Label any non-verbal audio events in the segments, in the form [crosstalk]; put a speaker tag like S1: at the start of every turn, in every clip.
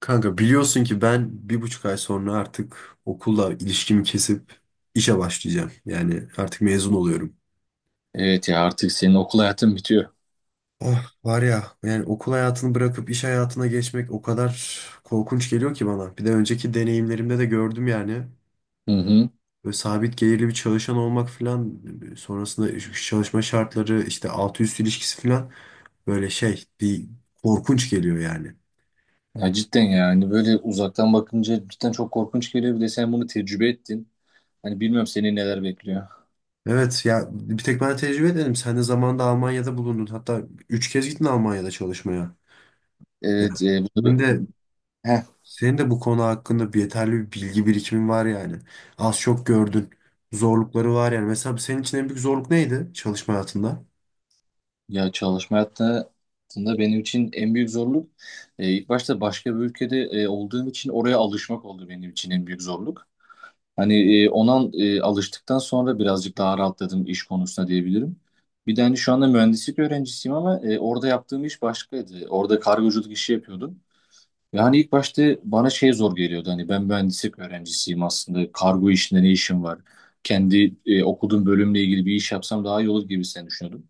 S1: Kanka biliyorsun ki ben 1,5 ay sonra artık okulla ilişkimi kesip işe başlayacağım. Yani artık mezun oluyorum.
S2: Evet ya artık senin okul hayatın bitiyor.
S1: Oh var ya, yani okul hayatını bırakıp iş hayatına geçmek o kadar korkunç geliyor ki bana. Bir de önceki deneyimlerimde de gördüm yani.
S2: Hı hı.
S1: Böyle sabit gelirli bir çalışan olmak falan, sonrasında çalışma şartları, işte altı üst ilişkisi falan, böyle şey bir korkunç geliyor yani.
S2: Ya cidden yani böyle uzaktan bakınca cidden çok korkunç geliyor. Bir de sen bunu tecrübe ettin. Hani bilmiyorum seni neler bekliyor.
S1: Evet ya, bir tek ben tecrübe edelim. Sen de zamanında Almanya'da bulundun. Hatta 3 kez gittin Almanya'da çalışmaya. Ya,
S2: Evet
S1: senin de
S2: Heh.
S1: senin de bu konu hakkında yeterli bir bilgi birikimin var yani. Az çok gördün. Zorlukları var yani. Mesela senin için en büyük zorluk neydi çalışma hayatında?
S2: Ya çalışma hayatında benim için en büyük zorluk ilk başta başka bir ülkede olduğum için oraya alışmak oldu benim için en büyük zorluk. Hani ona alıştıktan sonra birazcık daha rahatladım iş konusunda diyebilirim. Bir de hani şu anda mühendislik öğrencisiyim ama orada yaptığım iş başkaydı. Orada kargoculuk işi yapıyordum. Yani ilk başta bana şey zor geliyordu. Hani ben mühendislik öğrencisiyim aslında. Kargo işinde ne işim var? Kendi okuduğum bölümle ilgili bir iş yapsam daha iyi olur gibi sen düşünüyordum.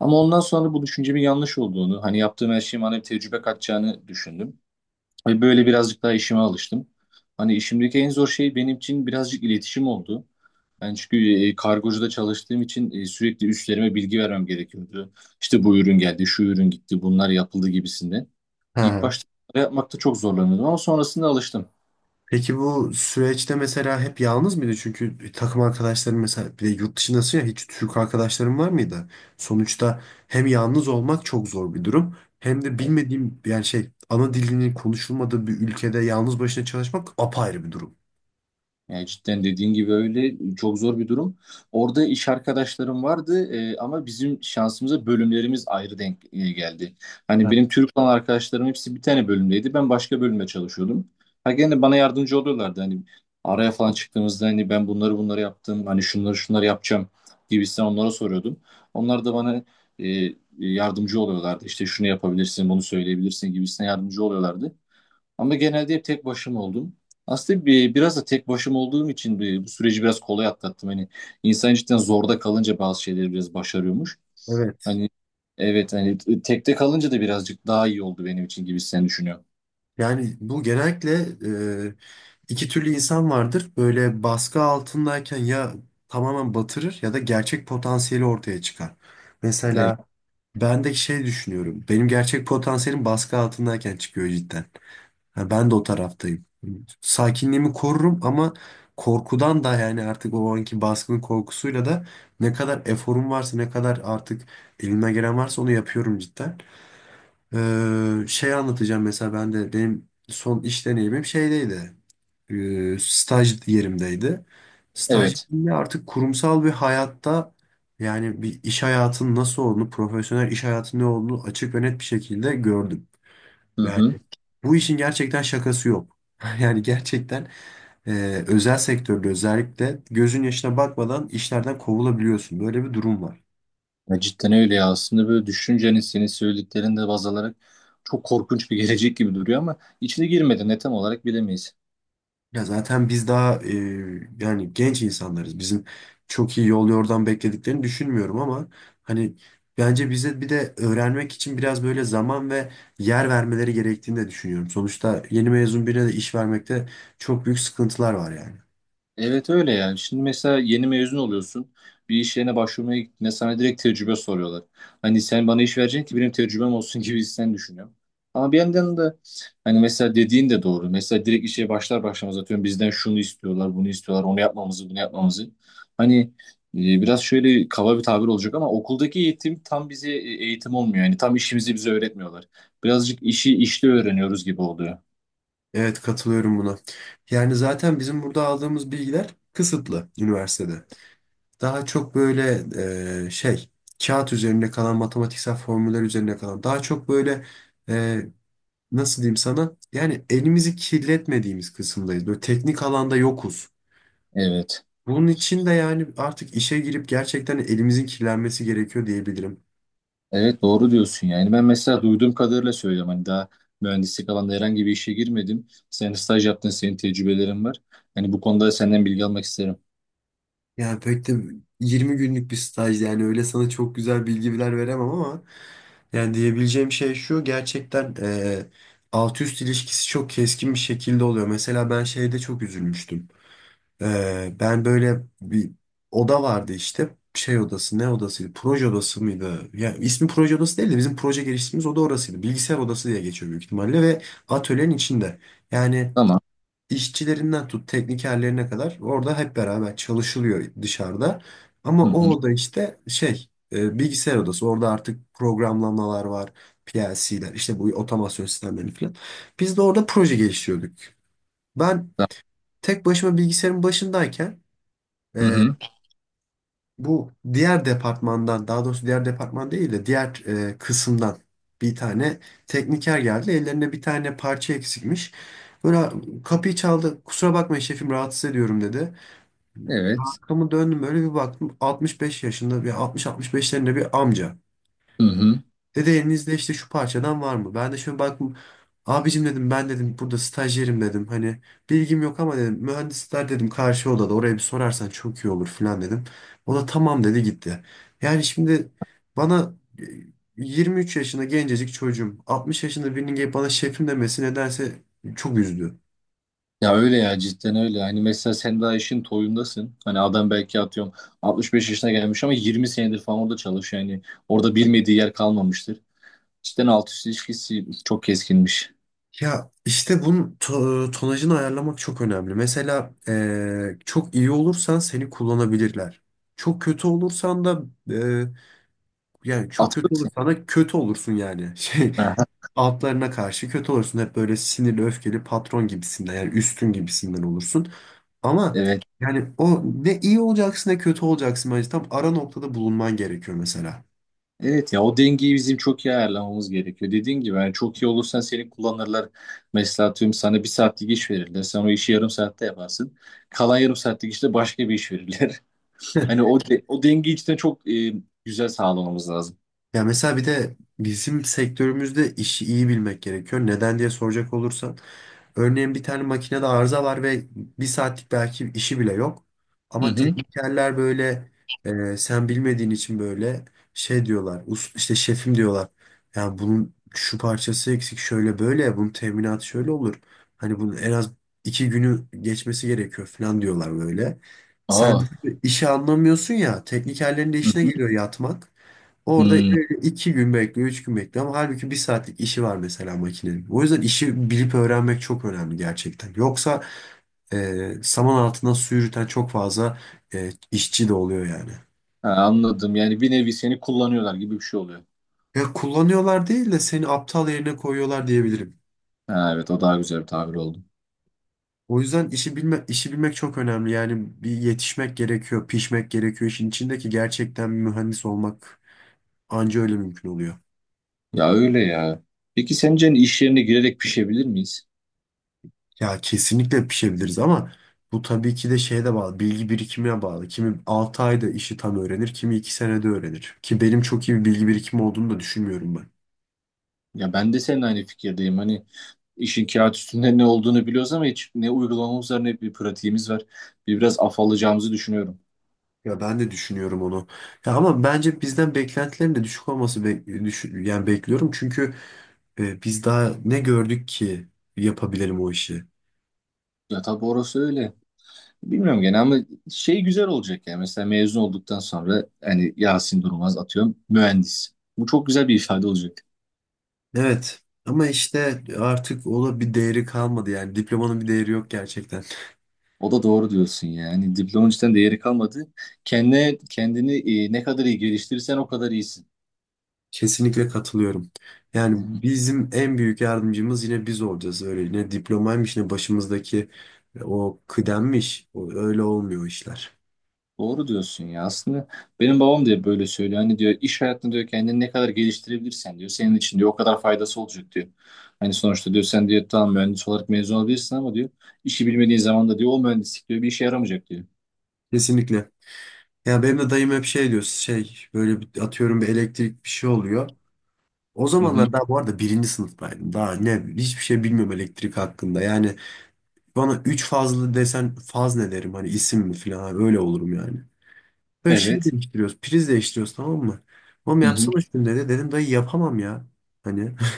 S2: Ama ondan sonra bu düşüncemin yanlış olduğunu, hani yaptığım her şeyin bana bir tecrübe katacağını düşündüm. Ve böyle birazcık daha işime alıştım. Hani işimdeki en zor şey benim için birazcık iletişim oldu. Ben çünkü kargocuda çalıştığım için sürekli üstlerime bilgi vermem gerekiyordu. İşte bu ürün geldi, şu ürün gitti, bunlar yapıldı gibisinden. İlk
S1: Ha.
S2: başta bunları yapmakta çok zorlanıyordum ama sonrasında alıştım.
S1: Peki bu süreçte mesela hep yalnız mıydı? Çünkü takım arkadaşların, mesela bir de yurt dışındasın ya, hiç Türk arkadaşların var mıydı? Sonuçta hem yalnız olmak çok zor bir durum, hem de bilmediğim, yani şey, ana dilinin konuşulmadığı bir ülkede yalnız başına çalışmak apayrı bir durum.
S2: Yani cidden dediğin gibi öyle çok zor bir durum. Orada iş arkadaşlarım vardı ama bizim şansımıza bölümlerimiz ayrı denk geldi. Hani
S1: Ha,
S2: benim Türk olan arkadaşlarım hepsi bir tane bölümdeydi. Ben başka bölümde çalışıyordum. Ha gene bana yardımcı oluyorlardı. Hani araya falan çıktığımızda hani ben bunları bunları yaptım. Hani şunları şunları yapacağım gibisinden onlara soruyordum. Onlar da bana yardımcı oluyorlardı. İşte şunu yapabilirsin, bunu söyleyebilirsin gibisinden yardımcı oluyorlardı. Ama genelde hep tek başıma oldum. Aslında biraz da tek başıma olduğum için bu süreci biraz kolay atlattım. Hani insan cidden zorda kalınca bazı şeyleri biraz başarıyormuş.
S1: evet.
S2: Hani evet hani tekte kalınca da birazcık daha iyi oldu benim için gibi sen düşünüyorum.
S1: Yani bu genellikle e, 2 türlü insan vardır. Böyle baskı altındayken ya tamamen batırır ya da gerçek potansiyeli ortaya çıkar.
S2: Evet.
S1: Mesela ben de şey düşünüyorum. Benim gerçek potansiyelim baskı altındayken çıkıyor cidden. Ha, ben de o taraftayım. Sakinliğimi korurum ama korkudan da, yani artık o anki baskının korkusuyla da ne kadar eforum varsa, ne kadar artık elime gelen varsa onu yapıyorum cidden. Şey anlatacağım mesela. Ben de benim son iş deneyimim şeydeydi. Staj yerimdeydi. Staj
S2: Evet.
S1: yerimde artık kurumsal bir hayatta, yani bir iş hayatının nasıl olduğunu, profesyonel iş hayatının ne olduğunu açık ve net bir şekilde gördüm.
S2: Hı
S1: Yani
S2: hı.
S1: bu işin gerçekten şakası yok. [laughs] Yani gerçekten özel sektörde özellikle gözün yaşına bakmadan işlerden kovulabiliyorsun. Böyle bir durum var.
S2: Ya cidden öyle ya. Aslında böyle düşünce hani senin söylediklerinde baz alarak çok korkunç bir gelecek gibi duruyor ama içine girmeden ne tam olarak bilemeyiz.
S1: Ya zaten biz daha yani genç insanlarız. Bizim çok iyi yol yordan beklediklerini düşünmüyorum ama hani bence bize bir de öğrenmek için biraz böyle zaman ve yer vermeleri gerektiğini de düşünüyorum. Sonuçta yeni mezun birine de iş vermekte çok büyük sıkıntılar var yani.
S2: Evet öyle yani. Şimdi mesela yeni mezun oluyorsun. Bir iş yerine başvurmaya gittiğinde sana direkt tecrübe soruyorlar. Hani sen bana iş vereceksin ki benim tecrübem olsun gibi sen düşünüyorum. Ama bir yandan da hani mesela dediğin de doğru. Mesela direkt işe başlar başlamaz atıyorum bizden şunu istiyorlar, bunu istiyorlar, onu yapmamızı, bunu yapmamızı. Hani biraz şöyle kaba bir tabir olacak ama okuldaki eğitim tam bize eğitim olmuyor. Yani tam işimizi bize öğretmiyorlar. Birazcık işi işte öğreniyoruz gibi oluyor.
S1: Evet, katılıyorum buna. Yani zaten bizim burada aldığımız bilgiler kısıtlı üniversitede. Daha çok böyle, şey kağıt üzerinde kalan, matematiksel formüller üzerine kalan, daha çok böyle, e, nasıl diyeyim sana? Yani elimizi kirletmediğimiz kısımdayız. Böyle teknik alanda yokuz.
S2: Evet.
S1: Bunun için de yani artık işe girip gerçekten elimizin kirlenmesi gerekiyor diyebilirim.
S2: Evet doğru diyorsun yani ben mesela duyduğum kadarıyla söylüyorum hani daha mühendislik alanında herhangi bir işe girmedim. Sen staj yaptın senin tecrübelerin var. Hani bu konuda senden bilgi almak isterim.
S1: Yani pek de 20 günlük bir staj, yani öyle sana çok güzel bilgiler veremem ama yani diyebileceğim şey şu: gerçekten alt üst ilişkisi çok keskin bir şekilde oluyor. Mesela ben şeyde çok üzülmüştüm. Ben böyle bir oda vardı işte. Şey odası, ne odasıydı, proje odası mıydı? Ya ismi proje odası değil de bizim proje geliştirdiğimiz oda orasıydı. Bilgisayar odası diye geçiyor büyük ihtimalle ve atölyenin içinde. Yani
S2: Tamam.
S1: işçilerinden tut teknikerlerine kadar orada hep beraber çalışılıyor dışarıda. Ama
S2: Hı
S1: o
S2: hı.
S1: oda işte şey, bilgisayar odası. Orada artık programlamalar var. PLC'ler işte, bu otomasyon sistemleri falan. Biz de orada proje geliştiriyorduk. Ben
S2: Tamam.
S1: tek başıma bilgisayarın başındayken
S2: Hı
S1: ee,
S2: hı.
S1: bu diğer departmandan, daha doğrusu diğer departman değil de diğer kısımdan bir tane tekniker geldi. Ellerinde bir tane parça eksikmiş. Böyle kapıyı çaldı. Kusura bakmayın şefim, rahatsız ediyorum, dedi.
S2: Evet.
S1: Arkamı döndüm, böyle bir baktım. 65 yaşında bir, 60-65'lerinde bir amca.
S2: Hı hı.
S1: Dedi elinizde işte şu parçadan var mı? Ben de şöyle baktım. Abicim dedim, ben dedim burada stajyerim dedim. Hani bilgim yok ama dedim, mühendisler dedim karşı odada, oraya bir sorarsan çok iyi olur falan dedim. O da tamam dedi, gitti. Yani şimdi bana, e, 23 yaşında gencecik çocuğum, 60 yaşında birinin gelip bana şefim demesi nedense çok üzdü.
S2: Ya öyle ya cidden öyle. Hani mesela sen daha işin toyundasın. Hani adam belki atıyorum 65 yaşına gelmiş ama 20 senedir falan orada çalışıyor. Yani orada bilmediği yer kalmamıştır. Cidden alt üst ilişkisi çok keskinmiş.
S1: Ya işte bunun tonajını ayarlamak çok önemli. Mesela çok iyi olursan seni kullanabilirler. Çok kötü olursan da, e, yani çok kötü olur.
S2: Atılırsın.
S1: Sana kötü olursun yani. [laughs] Şey,
S2: Aha.
S1: altlarına karşı kötü olursun. Hep böyle sinirli, öfkeli patron gibisinden, yani üstün gibisinden olursun. Ama
S2: Evet.
S1: yani o, ne iyi olacaksın ne kötü olacaksın, bence tam ara noktada bulunman gerekiyor mesela.
S2: Evet ya o dengeyi bizim çok iyi ayarlamamız gerekiyor. Dediğin gibi yani çok iyi olursan seni kullanırlar. Mesela tüm sana bir saatlik iş verirler. Sen o işi yarım saatte yaparsın. Kalan yarım saatlik işte başka bir iş verirler. [laughs] Hani
S1: Heh.
S2: o dengeyi içten çok güzel sağlamamız lazım.
S1: Ya mesela bir de bizim sektörümüzde işi iyi bilmek gerekiyor. Neden diye soracak olursan, örneğin bir tane makinede arıza var ve bir saatlik belki işi bile yok.
S2: Hı
S1: Ama
S2: hı.
S1: teknikerler böyle, sen bilmediğin için böyle şey diyorlar. İşte şefim diyorlar. Yani bunun şu parçası eksik, şöyle böyle bunun teminatı şöyle olur. Hani bunun en az 2 günü geçmesi gerekiyor falan diyorlar böyle. Sen
S2: Aa.
S1: işi anlamıyorsun ya, teknikerlerin de
S2: Hı
S1: işine
S2: hı.
S1: geliyor yatmak. Orada
S2: Hmm.
S1: 2 gün bekliyor, 3 gün bekliyor ama halbuki bir saatlik işi var mesela makinenin. O yüzden işi bilip öğrenmek çok önemli gerçekten. Yoksa saman altından su yürüten çok fazla işçi de oluyor yani.
S2: Ha, anladım. Yani bir nevi seni kullanıyorlar gibi bir şey oluyor.
S1: Ya kullanıyorlar değil de, seni aptal yerine koyuyorlar diyebilirim.
S2: Ha, evet o daha güzel bir tabir oldu.
S1: O yüzden işi bilmek çok önemli. Yani bir yetişmek gerekiyor, pişmek gerekiyor. İşin içindeki gerçekten bir mühendis olmak anca öyle mümkün oluyor.
S2: Ya öyle ya. Peki sence hani iş yerine girerek pişebilir miyiz?
S1: Ya kesinlikle pişebiliriz ama bu tabii ki de şeye de bağlı. Bilgi birikimine bağlı. Kimi 6 ayda işi tam öğrenir, kimi 2 senede öğrenir. Ki benim çok iyi bir bilgi birikimi olduğunu da düşünmüyorum ben.
S2: Ya ben de seninle aynı fikirdeyim. Hani İşin kağıt üstünde ne olduğunu biliyoruz ama hiç ne uygulamamız var ne bir pratiğimiz var. Bir biraz afallayacağımızı düşünüyorum.
S1: Ya ben de düşünüyorum onu. Ya ama bence bizden beklentilerin de düşük olması yani bekliyorum. Çünkü biz daha ne gördük ki yapabilelim o işi.
S2: Ya tabii orası öyle. Bilmiyorum gene ama şey güzel olacak yani. Mesela mezun olduktan sonra hani Yasin Durmaz atıyorum mühendis. Bu çok güzel bir ifade olacak.
S1: Evet ama işte artık ona bir değeri kalmadı yani, diplomanın bir değeri yok gerçekten.
S2: O da doğru diyorsun yani. Diplomanın cidden değeri kalmadı. Kendine, kendini ne kadar iyi geliştirirsen o kadar iyisin.
S1: Kesinlikle katılıyorum. Yani bizim en büyük yardımcımız yine biz olacağız. Öyle ne diplomaymış ne başımızdaki o kıdemmiş. O, öyle olmuyor işler.
S2: Doğru diyorsun ya. Aslında benim babam da böyle söylüyor. Hani diyor iş hayatında diyor kendini ne kadar geliştirebilirsen diyor. Senin için diyor o kadar faydası olacak diyor. Hani sonuçta diyor sen diyor tamam mühendis olarak mezun olabilirsin ama diyor işi bilmediğin zaman da diyor o mühendislik diyor bir işe yaramayacak diyor.
S1: Kesinlikle. Ya benim de dayım hep şey diyor. Şey böyle atıyorum bir elektrik bir şey oluyor. O
S2: Hı hı.
S1: zamanlar daha, bu arada, birinci sınıftaydım. Daha ne, hiçbir şey bilmiyorum elektrik hakkında. Yani bana 3 fazlı desen, faz ne derim hani, isim mi falan, hani öyle olurum yani. Böyle şey
S2: Evet.
S1: değiştiriyoruz. Priz değiştiriyoruz, tamam mı? Oğlum
S2: Hı hı.
S1: yapsana şunu, dedi. Dedim dayı, yapamam ya. Hani. [laughs]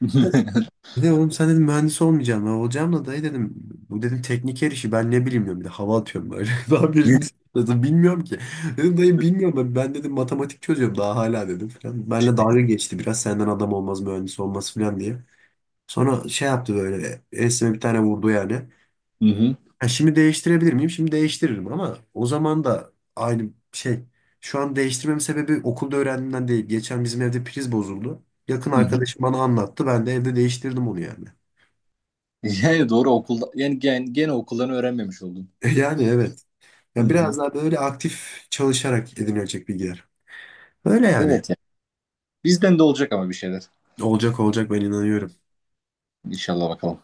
S2: [laughs]
S1: Dedi oğlum, sen dedim mühendis olmayacaksın. Ben olacağım da dayı, dedim. Bu dedim teknik her işi ben ne bileyim, diyorum. Bir de hava atıyorum böyle. [laughs] Daha birinci sınıfta, bilmiyorum ki. Dedim dayı bilmiyorum ben. Ben dedim matematik çözüyorum daha hala dedim falan. Benle dalga geçti biraz, senden adam olmaz mühendis olmaz falan diye. Sonra şey yaptı böyle. Esme bir tane vurdu yani.
S2: Hı hı.
S1: Ha, şimdi değiştirebilir miyim? Şimdi değiştiririm ama o zaman da aynı şey. Şu an değiştirmemin sebebi okulda öğrendiğimden değil. Geçen bizim evde priz bozuldu. Yakın
S2: Hı hı.
S1: arkadaşım bana anlattı. Ben de evde değiştirdim onu yani.
S2: Yani doğru okulda yani gene okuldan öğrenmemiş oldum.
S1: [laughs] Yani evet.
S2: Hı
S1: Ya
S2: hı.
S1: biraz daha böyle aktif çalışarak edinilecek bilgiler. Öyle yani.
S2: Evet ya. Bizden de olacak ama bir şeyler.
S1: Olacak olacak, ben inanıyorum.
S2: İnşallah bakalım.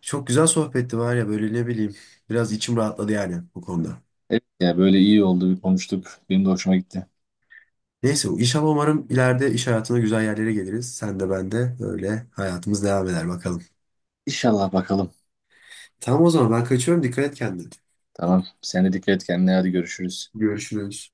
S1: Çok güzel sohbetti var ya, böyle ne bileyim. Biraz içim rahatladı yani bu konuda.
S2: Evet ya böyle iyi oldu bir konuştuk. Benim de hoşuma gitti.
S1: Neyse, inşallah umarım ileride iş hayatına güzel yerlere geliriz. Sen de ben de, öyle hayatımız devam eder bakalım.
S2: İnşallah bakalım.
S1: Tamam, o zaman ben kaçıyorum. Dikkat et kendine.
S2: Tamam. Sen de dikkat et kendine. Hadi görüşürüz.
S1: Görüşürüz.